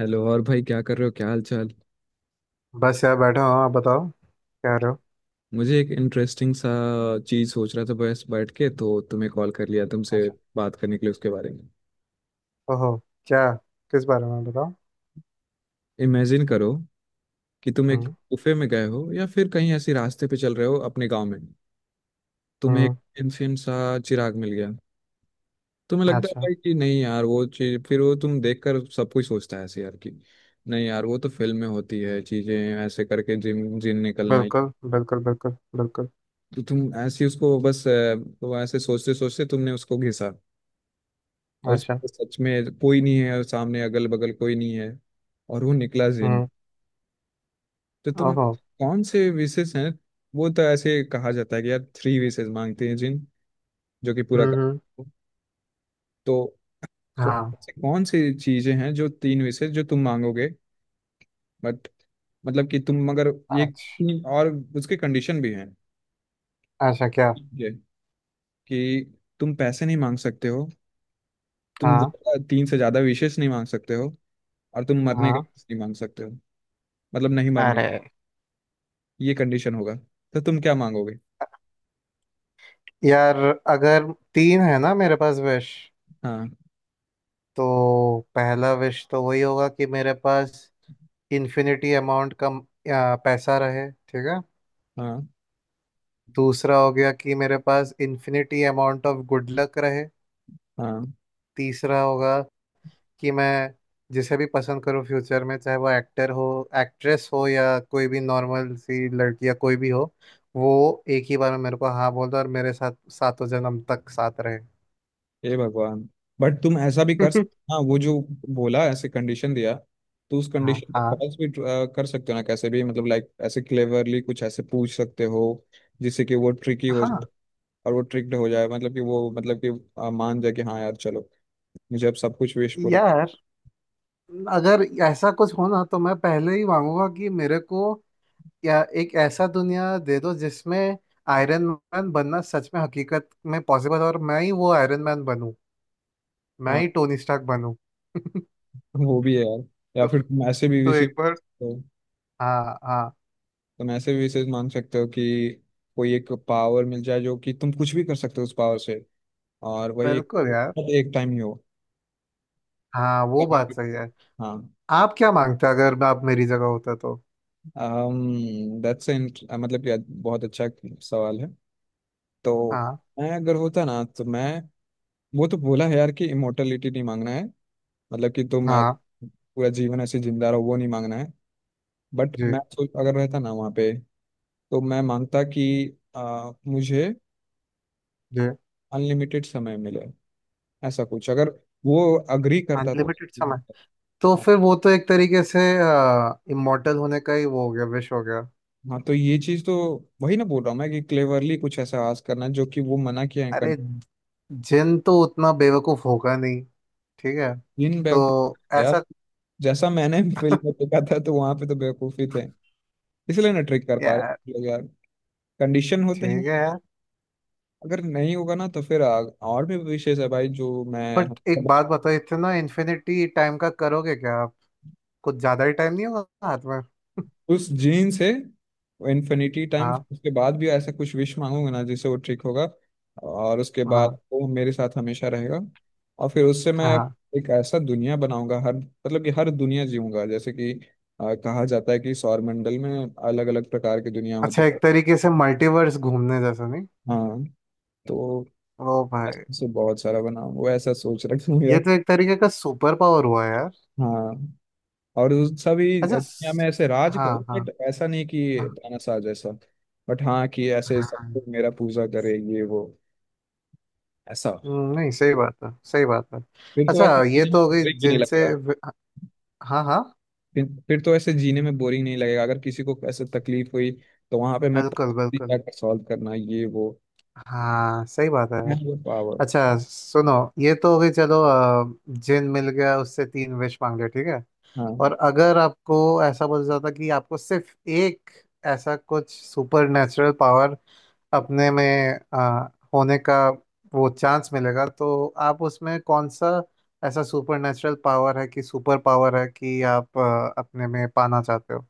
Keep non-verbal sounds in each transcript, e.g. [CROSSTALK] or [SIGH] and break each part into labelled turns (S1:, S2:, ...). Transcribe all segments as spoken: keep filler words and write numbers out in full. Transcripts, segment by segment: S1: Hello. और भाई क्या कर रहे हो, क्या हाल चाल।
S2: बस यार बैठा हूँ। आप बताओ क्या रहे हो।
S1: मुझे एक इंटरेस्टिंग सा चीज सोच रहा था, बस बैठ के, तो तुम्हें कॉल कर लिया तुमसे
S2: अच्छा।
S1: बात करने के लिए उसके बारे में।
S2: ओहो। क्या? किस बारे में बताओ।
S1: इमेजिन करो कि तुम एक
S2: हम्म।
S1: गुफे में गए हो या फिर कहीं ऐसी रास्ते पे चल रहे हो अपने गांव में। तुम्हें एक
S2: हम्म।
S1: एंशियंट सा चिराग मिल गया। तुम्हें लगता है
S2: अच्छा।
S1: भाई कि नहीं यार, वो चीज, फिर वो तुम देख कर सब कुछ सोचता है ऐसे, यार कि नहीं यार, वो तो फिल्म में होती है चीजें ऐसे करके जिन जिन निकलना ही।
S2: बिल्कुल बिल्कुल बिल्कुल। बिल्कुल।
S1: तो तुम ऐसे उसको बस अ, वो ऐसे सोचते सोचते तुमने उसको घिसा, और उस
S2: अच्छा।
S1: पे सच में कोई नहीं है, और सामने अगल बगल कोई नहीं है, और वो निकला जिन।
S2: हम्म।
S1: तो तुम
S2: ओहो।
S1: कौन से विशेष हैं। वो तो ऐसे कहा जाता है कि यार थ्री विशेष मांगते हैं जिन, जो कि पूरा
S2: हम्म,
S1: कर।
S2: हम्म,
S1: तो कौन
S2: हाँ।
S1: से कौन सी चीजें हैं जो तीन विशेष जो तुम मांगोगे। बट मतलब कि तुम, मगर ये
S2: अच्छा।
S1: तीन, और उसके कंडीशन भी हैं।
S2: अच्छा क्या?
S1: ठीक है कि तुम पैसे नहीं मांग सकते हो, तुम
S2: हाँ
S1: ज्यादा- तीन से ज्यादा विशेष नहीं मांग सकते हो, और तुम मरने का
S2: हाँ।
S1: विशेष नहीं मांग सकते हो, मतलब नहीं मरने।
S2: अरे।
S1: ये कंडीशन होगा। तो तुम क्या मांगोगे।
S2: यार अगर तीन है ना मेरे पास विश,
S1: हाँ,
S2: तो पहला विश तो वही होगा कि मेरे पास इन्फिनिटी अमाउंट का आ, पैसा रहे, ठीक है।
S1: हाँ,
S2: दूसरा हो गया कि मेरे पास infinity amount of good luck रहे।
S1: हाँ।
S2: तीसरा होगा कि मैं जिसे भी पसंद करूँ फ्यूचर में, चाहे वो एक्टर हो, एक्ट्रेस हो, या कोई भी नॉर्मल सी लड़की या कोई भी हो, वो एक ही बार में मेरे को हाँ बोल दो और मेरे साथ सातों जन्म तक साथ रहे।
S1: हे भगवान। बट तुम ऐसा भी कर सकते।
S2: [LAUGHS]
S1: हाँ, वो जो बोला ऐसे कंडीशन दिया, तो उस
S2: हाँ
S1: कंडीशन को
S2: हाँ।
S1: फॉल्स भी अ, कर सकते हो ना कैसे भी, मतलब लाइक ऐसे क्लेवरली कुछ ऐसे पूछ सकते हो जिससे कि वो ट्रिकी हो
S2: हाँ
S1: जाए और वो ट्रिक्ड हो जाए, मतलब कि वो, मतलब कि अ, मान जाए कि हाँ यार चलो, मुझे अब सब कुछ विश पूरा।
S2: यार, अगर ऐसा कुछ हो ना तो मैं पहले ही मांगूंगा कि मेरे को या एक ऐसा दुनिया दे दो जिसमें आयरन मैन बनना सच में हकीकत में पॉसिबल हो और मैं ही वो आयरन मैन बनूं। मैं
S1: हाँ,
S2: ही टोनी स्टार्क बनूं। [LAUGHS]
S1: वो भी है यार। या
S2: तो,
S1: फिर तुम ऐसे भी
S2: तो
S1: विश
S2: एक बार। हाँ हाँ।
S1: तुम ऐसे भी विशेष मान सकते हो कि कोई एक पावर मिल जाए जो कि तुम कुछ भी कर सकते हो उस पावर से, और वही एक,
S2: बिल्कुल यार।
S1: मतलब एक टाइम ही हो।
S2: हाँ वो बात सही है।
S1: हाँ।
S2: आप क्या मांगते अगर मैं आप मेरी जगह होता तो?
S1: um, that's an, मतलब कि बहुत अच्छा सवाल है तो।
S2: हाँ
S1: मैं अगर होता ना तो मैं, वो तो बोला है यार कि इमोर्टलिटी नहीं मांगना है, मतलब कि तुम ऐ-
S2: हाँ।
S1: पूरा जीवन ऐसे जिंदा रहो, वो नहीं मांगना है। बट
S2: जी।
S1: मैं सोच अगर रहता ना वहाँ पे, तो मैं मांगता कि आ, मुझे
S2: जी।
S1: अनलिमिटेड समय मिले, ऐसा कुछ अगर वो अग्री करता
S2: अनलिमिटेड
S1: तो।
S2: समय। तो
S1: हाँ,
S2: फिर वो तो एक तरीके से इमोर्टल होने का ही वो हो गया, विश हो गया।
S1: हाँ। तो ये चीज तो वही ना बोल रहा हूँ मैं, कि क्लेवरली कुछ ऐसा आवाज करना जो कि वो मना किया है कर।
S2: अरे, जिन तो उतना बेवकूफ होगा नहीं। ठीक है।
S1: इन बेवकूफ
S2: तो
S1: यार
S2: ऐसा।
S1: जैसा मैंने [LAUGHS] फिल्म में देखा था, तो वहां पे तो बेवकूफी थे इसलिए ना ट्रिक कर पा
S2: यार
S1: रहे लोग यार। कंडीशन
S2: ठीक
S1: होते हैं।
S2: है यार।
S1: अगर नहीं होगा ना तो फिर आ, और भी विशेष है भाई जो मैं।
S2: बट एक बात बताओ, इतना इन्फिनिटी टाइम का करोगे क्या आप? कुछ ज्यादा ही टाइम नहीं होगा हाथ में?
S1: उस जीन से इन्फिनिटी टाइम
S2: हाँ
S1: उसके बाद भी ऐसा कुछ विश मांगूंगा ना जिससे वो ठीक होगा, और उसके बाद
S2: हाँ
S1: वो मेरे साथ हमेशा रहेगा, और फिर उससे मैं
S2: हाँ।
S1: एक ऐसा दुनिया बनाऊंगा, हर, मतलब कि हर दुनिया जीऊंगा, जैसे कि आ, कहा जाता है कि सौरमंडल में अलग अलग प्रकार की दुनिया होती
S2: अच्छा,
S1: है।
S2: एक तरीके से मल्टीवर्स घूमने जैसा, नहीं?
S1: हाँ, तो
S2: ओ भाई।
S1: ऐसे बहुत सारा बनाऊंगा, वो ऐसा सोच रखा हूँ
S2: ये
S1: यार।
S2: तो एक तरीके का सुपर पावर हुआ यार।
S1: हाँ, और उस- सभी
S2: अच्छा
S1: दुनिया में
S2: स-
S1: ऐसे राज
S2: हाँ
S1: करो,
S2: हाँ।
S1: बट ऐसा नहीं कि
S2: हाँ
S1: तानाशाह जैसा, बट हाँ कि ऐसे सब
S2: हाँ।
S1: लोग मेरा पूजा करे ये वो, ऐसा
S2: हम्म, नहीं, सही बात है, सही बात है।
S1: फिर तो
S2: अच्छा,
S1: ऐसे
S2: ये
S1: जीने में
S2: तो हो गई
S1: बोरिंग नहीं
S2: जिनसे
S1: लगेगा।
S2: व- हाँ हाँ।
S1: फिर फिर तो ऐसे जीने में बोरिंग नहीं लगेगा अगर किसी को ऐसे तकलीफ हुई, तो वहां पे मैं
S2: बिल्कुल बिल्कुल।
S1: क्या सॉल्व करना, ये वो
S2: हाँ सही बात है यार।
S1: पावर।
S2: अच्छा सुनो, ये तो हो गई, चलो। अ, जिन मिल गया, उससे तीन विश मांग लिया, ठीक है।
S1: हाँ,
S2: और अगर आपको ऐसा बोला जाता कि आपको सिर्फ एक ऐसा कुछ सुपर नेचुरल पावर अपने में आ, होने का वो चांस मिलेगा, तो आप उसमें कौन सा ऐसा सुपर नेचुरल पावर है कि सुपर पावर है कि आप आ, अपने में पाना चाहते हो?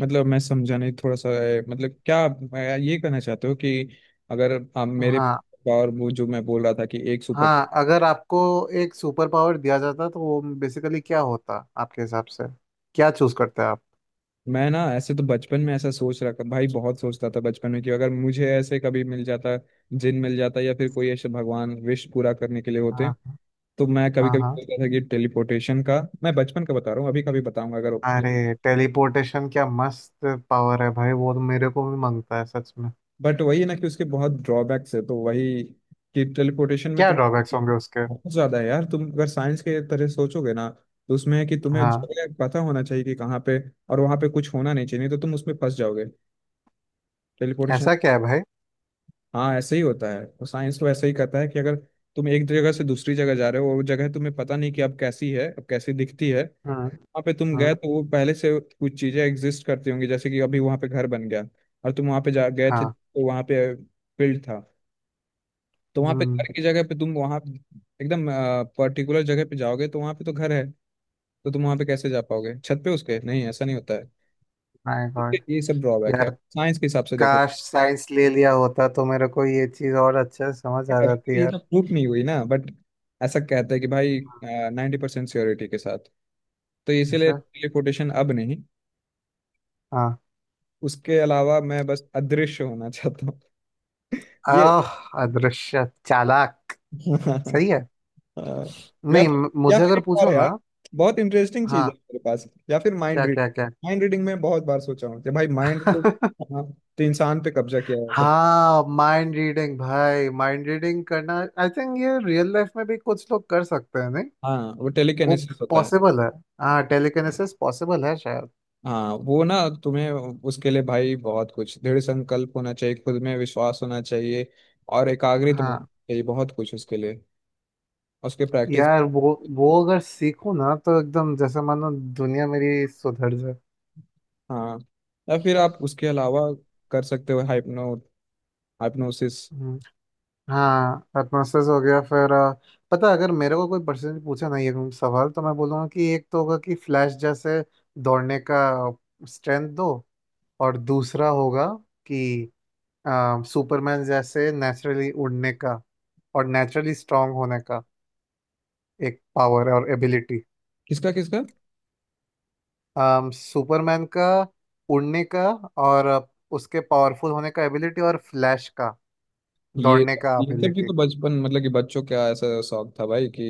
S1: मतलब मैं समझा नहीं थोड़ा सा ए, मतलब क्या आप- मैं ये कहना चाहते हो कि अगर आप मेरे
S2: हाँ
S1: पावर, वो जो मैं बोल रहा था कि एक सुपर।
S2: हाँ। अगर आपको एक सुपर पावर दिया जाता तो वो बेसिकली क्या होता आपके हिसाब से? क्या चूज करते आप?
S1: मैं ना ऐसे तो बचपन में ऐसा सोच रहा था भाई, बहुत सोचता था बचपन में कि अगर मुझे ऐसे कभी मिल जाता, जिन मिल जाता, या फिर कोई ऐसे भगवान विश पूरा करने के लिए होते,
S2: हाँ
S1: तो मैं कभी
S2: हाँ
S1: कभी
S2: हाँ।
S1: सोचता था कि टेलीपोर्टेशन का, मैं बचपन का बता रहा हूँ अभी, कभी बताऊंगा अगर।
S2: अरे टेलीपोर्टेशन क्या मस्त पावर है भाई, वो तो मेरे को भी मांगता है सच में।
S1: बट वही है ना कि उसके बहुत ड्रॉबैक्स है, तो वही कि टेलीपोर्टेशन में
S2: क्या
S1: तुम,
S2: ड्रॉबैक्स होंगे उसके?
S1: बहुत ज्यादा है यार। तुम अगर साइंस के तरह सोचोगे ना, तो उसमें है कि तुम्हें
S2: हाँ।
S1: जगह पता होना चाहिए कि कहाँ पे, और वहां पे कुछ होना नहीं चाहिए, नहीं तो तुम उसमें फंस जाओगे टेलीपोर्टेशन।
S2: ऐसा क्या है भाई?
S1: हाँ ऐसे ही होता है, तो साइंस तो ऐसे ही कहता है कि अगर तुम एक जगह से दूसरी जगह जा रहे हो और वो जगह तुम्हें पता नहीं कि अब कैसी है, अब कैसी दिखती है, वहाँ
S2: हम्म।
S1: पे तुम गए
S2: हम्म।
S1: तो वो पहले से कुछ चीजें एग्जिस्ट करती होंगी, जैसे कि अभी वहाँ पे घर बन गया, और तुम वहाँ पे जा गए थे
S2: हाँ।
S1: तो वहाँ पे फील्ड था, तो वहाँ पे
S2: हम्म।
S1: घर की जगह पे तुम वहाँ एकदम पर्टिकुलर जगह पे जाओगे तो वहाँ पे तो घर है, तो तुम वहाँ पे कैसे जा पाओगे छत पे उसके, नहीं ऐसा नहीं होता है।
S2: माय
S1: इसके
S2: गॉड।
S1: ये सब ड्रॉबैक है
S2: यार
S1: साइंस के हिसाब से, देखो
S2: काश साइंस ले लिया होता तो मेरे को ये चीज और अच्छे से समझ आ जाती
S1: अभी तो
S2: यार।
S1: प्रूफ नहीं हुई ना, बट ऐसा कहते हैं कि भाई नाइन्टी परसेंट श्योरिटी के साथ, तो इसीलिए
S2: अच्छा।
S1: टेलीपोर्टेशन अब नहीं।
S2: हाँ।
S1: उसके अलावा मैं बस अदृश्य होना चाहता हूँ, ये
S2: आह, अदृश्य चालाक। सही
S1: [LAUGHS]
S2: है।
S1: अ, या
S2: नहीं
S1: फिर
S2: म-
S1: या
S2: मुझे
S1: फिर
S2: अगर
S1: एक और
S2: पूछो
S1: है
S2: ना।
S1: यार, बहुत इंटरेस्टिंग चीज है
S2: हाँ।
S1: मेरे पास, या फिर माइंड
S2: क्या
S1: रीड
S2: क्या
S1: माइंड रीडिंग में बहुत बार सोचा हूँ कि भाई माइंड तो।
S2: क्या? [LAUGHS]
S1: हाँ, तो इंसान पे कब्जा किया जा सकता
S2: हाँ, माइंड रीडिंग भाई, माइंड रीडिंग करना। आई थिंक ये रियल लाइफ में भी कुछ लोग कर सकते हैं, नहीं?
S1: है। हाँ, वो
S2: वो
S1: टेलीकिनेसिस होता है।
S2: पॉसिबल है। हाँ टेलीकिनेसिस पॉसिबल है शायद।
S1: हाँ, वो ना तुम्हें उसके लिए भाई बहुत कुछ दृढ़ संकल्प होना चाहिए, खुद में विश्वास होना चाहिए, और एकाग्रित मन होना
S2: हाँ
S1: चाहिए, बहुत कुछ उसके लिए, उसके प्रैक्टिस।
S2: यार, वो वो अगर सीखूं ना तो एकदम जैसे मानो दुनिया मेरी सुधर जाए।
S1: हाँ, या फिर आप उसके अलावा कर सकते हो हाइपनो हाइपनोसिस।
S2: हम्म, हाँ एटमोसफेयर हो गया फिर अ, पता है, अगर मेरे को कोई पर्सन पूछे ना ये सवाल तो मैं बोलूँगा कि एक तो होगा कि फ्लैश जैसे दौड़ने का स्ट्रेंथ दो। और दूसरा होगा कि अ, सुपरमैन जैसे नेचुरली उड़ने का और नेचुरली स्ट्रांग होने का, एक पावर और एबिलिटी।
S1: किसका किसका।
S2: सुपरमैन का उड़ने का और उसके पावरफुल होने का एबिलिटी और फ्लैश का
S1: ये
S2: दौड़ने का
S1: ये सब भी
S2: एबिलिटी।
S1: तो बचपन, मतलब कि बच्चों का ऐसा शौक था भाई कि।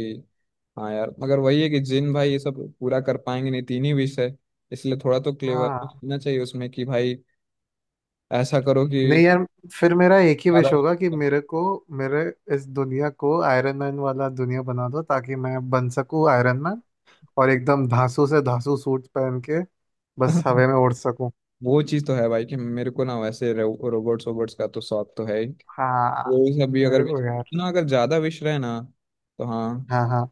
S1: हाँ यार, मगर वही है कि जिन भाई ये सब पूरा कर पाएंगे नहीं, तीन ही विषय, इसलिए थोड़ा तो क्लेवर
S2: हाँ।
S1: होना चाहिए उसमें कि भाई ऐसा करो कि
S2: नहीं यार, फिर मेरा एक ही
S1: ज्यादा।
S2: विश होगा कि मेरे को मेरे इस दुनिया को आयरन मैन वाला दुनिया बना दो ताकि मैं बन सकूं आयरन मैन। और एकदम धांसू से धांसू सूट पहन के बस हवा में
S1: [LAUGHS]
S2: उड़ सकूं।
S1: वो चीज तो है भाई कि मेरे को ना वैसे रो, रोबोट्स वोबोट्स का तो शौक तो है ही,
S2: हाँ
S1: वो सब भी अगर
S2: मेरे को यार।
S1: ना अगर ज्यादा विश रहे ना, तो हाँ,
S2: हाँ हाँ।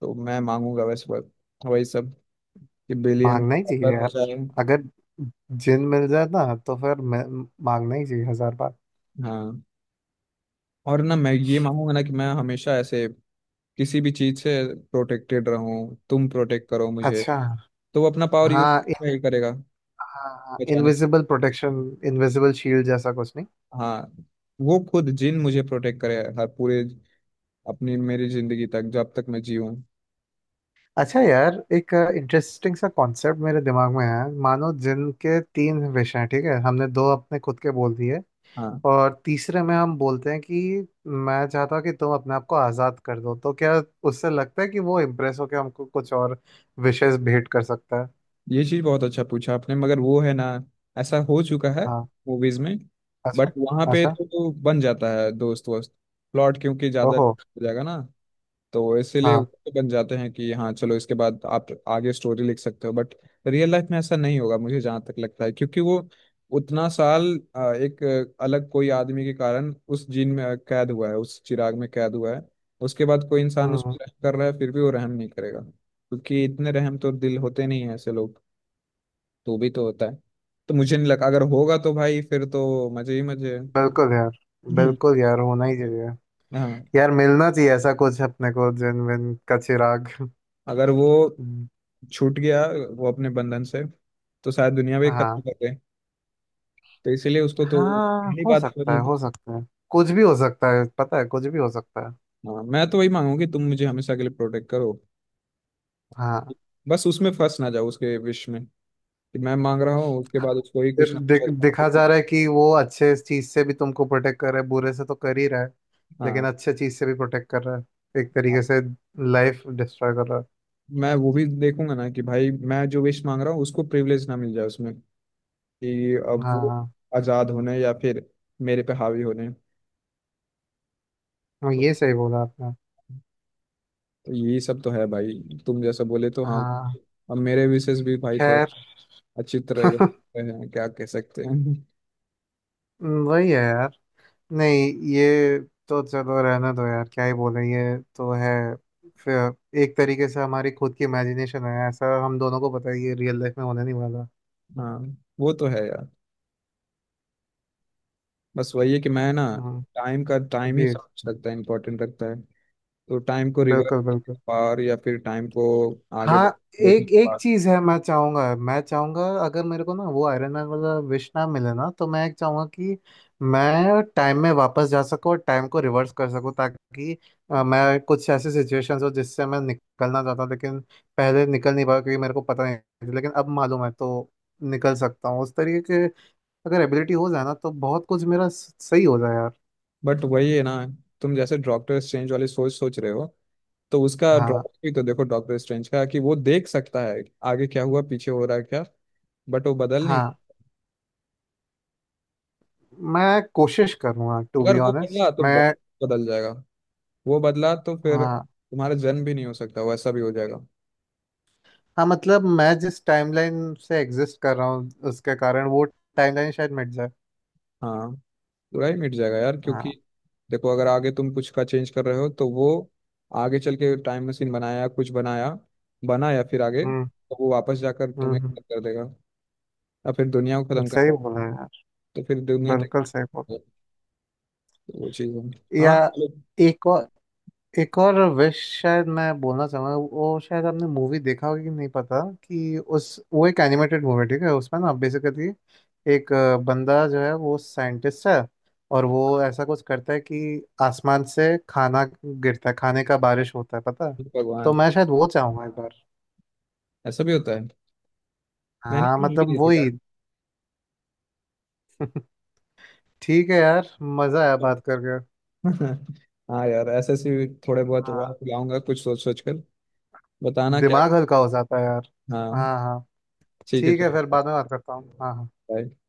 S1: तो मैं मांगूंगा वैसे बस वही सब, कि बिलियन
S2: मांगना ही चाहिए
S1: डॉलर हो
S2: यार।
S1: जाए।
S2: अगर जिन मिल जाए ना तो फिर मैं- मांगना ही चाहिए हजार बार।
S1: हाँ, और ना मैं ये मांगूंगा ना कि मैं हमेशा ऐसे किसी भी चीज से प्रोटेक्टेड रहूं, तुम प्रोटेक्ट करो मुझे,
S2: अच्छा।
S1: तो वो अपना पावर यूज
S2: हाँ।
S1: करेगा बचाने।
S2: Invisible protection. इनविजिबल शील्ड जैसा कुछ, नहीं?
S1: हाँ, वो खुद जिन मुझे प्रोटेक्ट करे हर, पूरे अपनी मेरी जिंदगी तक, जब तक मैं जीऊँ।
S2: अच्छा यार, एक इंटरेस्टिंग सा कॉन्सेप्ट मेरे दिमाग में है। मानो जिनके तीन विश हैं, ठीक है, हमने दो अपने खुद के बोल दिए।
S1: हाँ,
S2: और तीसरे में हम बोलते हैं कि मैं चाहता हूँ कि तुम अपने आप को आज़ाद कर दो, तो क्या उससे लगता है कि वो इम्प्रेस होकर हमको कुछ और विशेस भेंट कर सकता है?
S1: ये चीज बहुत अच्छा पूछा आपने, मगर वो है ना, ऐसा हो चुका है
S2: हाँ।
S1: मूवीज में।
S2: अच्छा।
S1: बट वहां पे
S2: अच्छा।
S1: तो, तो बन जाता है दोस्त वोस्त प्लॉट, क्योंकि ज्यादा
S2: ओहो।
S1: हो जाएगा ना, तो इसीलिए वो
S2: हाँ।
S1: तो बन जाते हैं कि हाँ चलो इसके बाद आप आगे स्टोरी लिख सकते हो। बट रियल लाइफ में ऐसा नहीं होगा मुझे जहाँ तक लगता है, क्योंकि वो उतना साल अ, एक अ, अलग कोई आदमी के कारण उस जीन में अ, कैद हुआ है, उस चिराग में कैद हुआ है। उसके बाद कोई इंसान उस
S2: हम्म।
S1: पर रहम कर रहा है फिर भी वो रहम नहीं करेगा, क्योंकि इतने रहम तो दिल होते नहीं है ऐसे लोग। तू भी तो होता है। तो मुझे नहीं लगा, अगर होगा तो भाई फिर तो मजे ही मजे
S2: बिल्कुल यार।
S1: हैं।
S2: बिल्कुल
S1: [LAUGHS]
S2: यार, होना ही चाहिए।
S1: हाँ,
S2: यार मिलना चाहिए ऐसा कुछ अपने को, जिन विन का चिराग।
S1: अगर वो
S2: हम्म,
S1: छूट गया, वो अपने बंधन से, तो शायद दुनिया भी खत्म
S2: हाँ।
S1: कर गए, तो इसीलिए उसको तो
S2: हाँ
S1: पहली
S2: हो
S1: बात तो वही
S2: सकता
S1: है
S2: है,
S1: कि,
S2: हो सकता है। कुछ भी हो सकता है, पता है कुछ भी हो सकता है।
S1: हाँ मैं तो वही मांगू कि तुम मुझे हमेशा के लिए प्रोटेक्ट करो,
S2: हाँ।
S1: बस उसमें फंस ना जाओ उसके विश में, कि मैं मांग रहा हूँ उसके बाद उसको ही कुछ
S2: फिर
S1: ना
S2: दि, दिखा
S1: कुछ।
S2: जा रहा है कि वो अच्छे चीज से भी तुमको प्रोटेक्ट कर रहा है, बुरे से तो कर ही रहा है। लेकिन
S1: हाँ,
S2: अच्छे चीज से भी प्रोटेक्ट कर रहा है, एक तरीके से लाइफ डिस्ट्रॉय कर रहा है।
S1: मैं वो भी देखूंगा ना कि भाई मैं जो विश मांग रहा हूँ उसको प्रिविलेज ना मिल जाए उसमें, कि अब वो
S2: हाँ।
S1: आज़ाद होने, या फिर मेरे पे हावी होने।
S2: हाँ,
S1: तो,
S2: ये सही बोला आपने।
S1: तो यही सब तो है भाई, तुम जैसा बोले तो हाँ।
S2: हाँ
S1: अब मेरे विशेष भी भाई थोड़ा
S2: खैर।
S1: अच्छी तरह वे
S2: [LAUGHS]
S1: हैं, क्या कह सकते हैं।
S2: वही है यार। नहीं, ये तो चलो रहने दो यार, क्या ही बोले, ये तो है। फिर एक तरीके से हमारी खुद की इमेजिनेशन है, ऐसा हम दोनों को पता है, ये रियल लाइफ में होने नहीं वाला।
S1: [LAUGHS] हाँ, वो तो है यार। बस वही है कि मैं ना,
S2: हम्म।
S1: टाइम का टाइम ही
S2: जी।
S1: सब कुछ लगता है, इंपॉर्टेंट लगता है, तो टाइम को
S2: बिल्कुल
S1: रिवर्स
S2: बिल्कुल।
S1: पावर, या फिर टाइम को आगे
S2: हाँ
S1: बढ़- देखने
S2: एक
S1: की
S2: एक
S1: पावर।
S2: चीज है। मैं चाहूंगा मैं चाहूंगा अगर मेरे को ना वो आयरन मैन वाला विश ना मिले ना तो मैं एक चाहूंगा कि मैं टाइम में वापस जा सकूं और टाइम को रिवर्स कर सकूं, ताकि अ, मैं कुछ ऐसे सिचुएशंस हो जिससे मैं निकलना चाहता हूं। लेकिन पहले निकल नहीं पाया क्योंकि मेरे को पता नहीं था, लेकिन अब मालूम है तो निकल सकता हूँ उस तरीके के। अगर एबिलिटी हो जाए ना तो बहुत कुछ मेरा स- सही हो जाए यार।
S1: बट वही है ना, तुम जैसे डॉक्टर स्ट्रेंज वाली सोच सोच रहे हो, तो उसका
S2: हाँ
S1: ड्रॉबैक भी तो देखो डॉक्टर स्ट्रेंज का, कि वो देख सकता है आगे क्या हुआ, पीछे हो रहा है क्या, बट वो बदल नहीं।
S2: हाँ। मैं कोशिश करूंगा टू
S1: अगर
S2: बी
S1: वो बदला
S2: ऑनेस्ट
S1: तो
S2: मैं।
S1: बहुत बदल जाएगा, वो बदला तो फिर
S2: हाँ।
S1: तुम्हारा जन्म भी नहीं हो सकता, वैसा भी हो जाएगा।
S2: हाँ मतलब मैं जिस टाइमलाइन से एग्जिस्ट कर रहा हूँ, उसके कारण वो टाइमलाइन शायद मिट जाए।
S1: हाँ, बुराई मिट जाएगा यार, क्योंकि
S2: हाँ।
S1: देखो अगर आगे तुम कुछ का चेंज कर रहे हो, तो वो आगे चल के टाइम मशीन बनाया, कुछ बनाया, बना, या फिर आगे
S2: हम्म।
S1: तो वो वापस जाकर तुम्हें
S2: हम्म, हम्म,
S1: खत्म कर देगा, या फिर दुनिया को खत्म कर
S2: सही
S1: देगा,
S2: बोला यार।
S1: तो फिर दुनिया तक,
S2: बिल्कुल सही बोला।
S1: तो वो चीज़ है।
S2: या
S1: हाँ चलो।
S2: एक और एक और विश शायद मैं बोलना चाहूंगा। वो शायद आपने मूवी देखा होगा कि नहीं पता, कि उस वो एक एनिमेटेड मूवी, ठीक है, उसमें ना बेसिकली एक अ, बंदा जो है वो साइंटिस्ट है। और वो ऐसा कुछ करता है कि आसमान से खाना गिरता है, खाने का बारिश होता है, पता है। तो
S1: भगवान
S2: मैं शायद वो चाहूंगा।
S1: ऐसा भी होता है, मैंने
S2: हाँ
S1: भी मूवी
S2: मतलब
S1: नहीं देखा।
S2: वही। ठीक है यार, मजा आया
S1: तो-
S2: बात करके।
S1: [LAUGHS] हाँ यार, ऐसे ऐसे थोड़े बहुत
S2: हाँ।
S1: और खिलाऊंगा कुछ सोच सोच कर, बताना क्या।
S2: दिमाग हल्का हो जाता है यार।
S1: हाँ
S2: हाँ हाँ।
S1: ठीक है
S2: ठीक है, फिर
S1: चलो
S2: बाद में बात करता हूँ, हाँ हाँ।
S1: bye।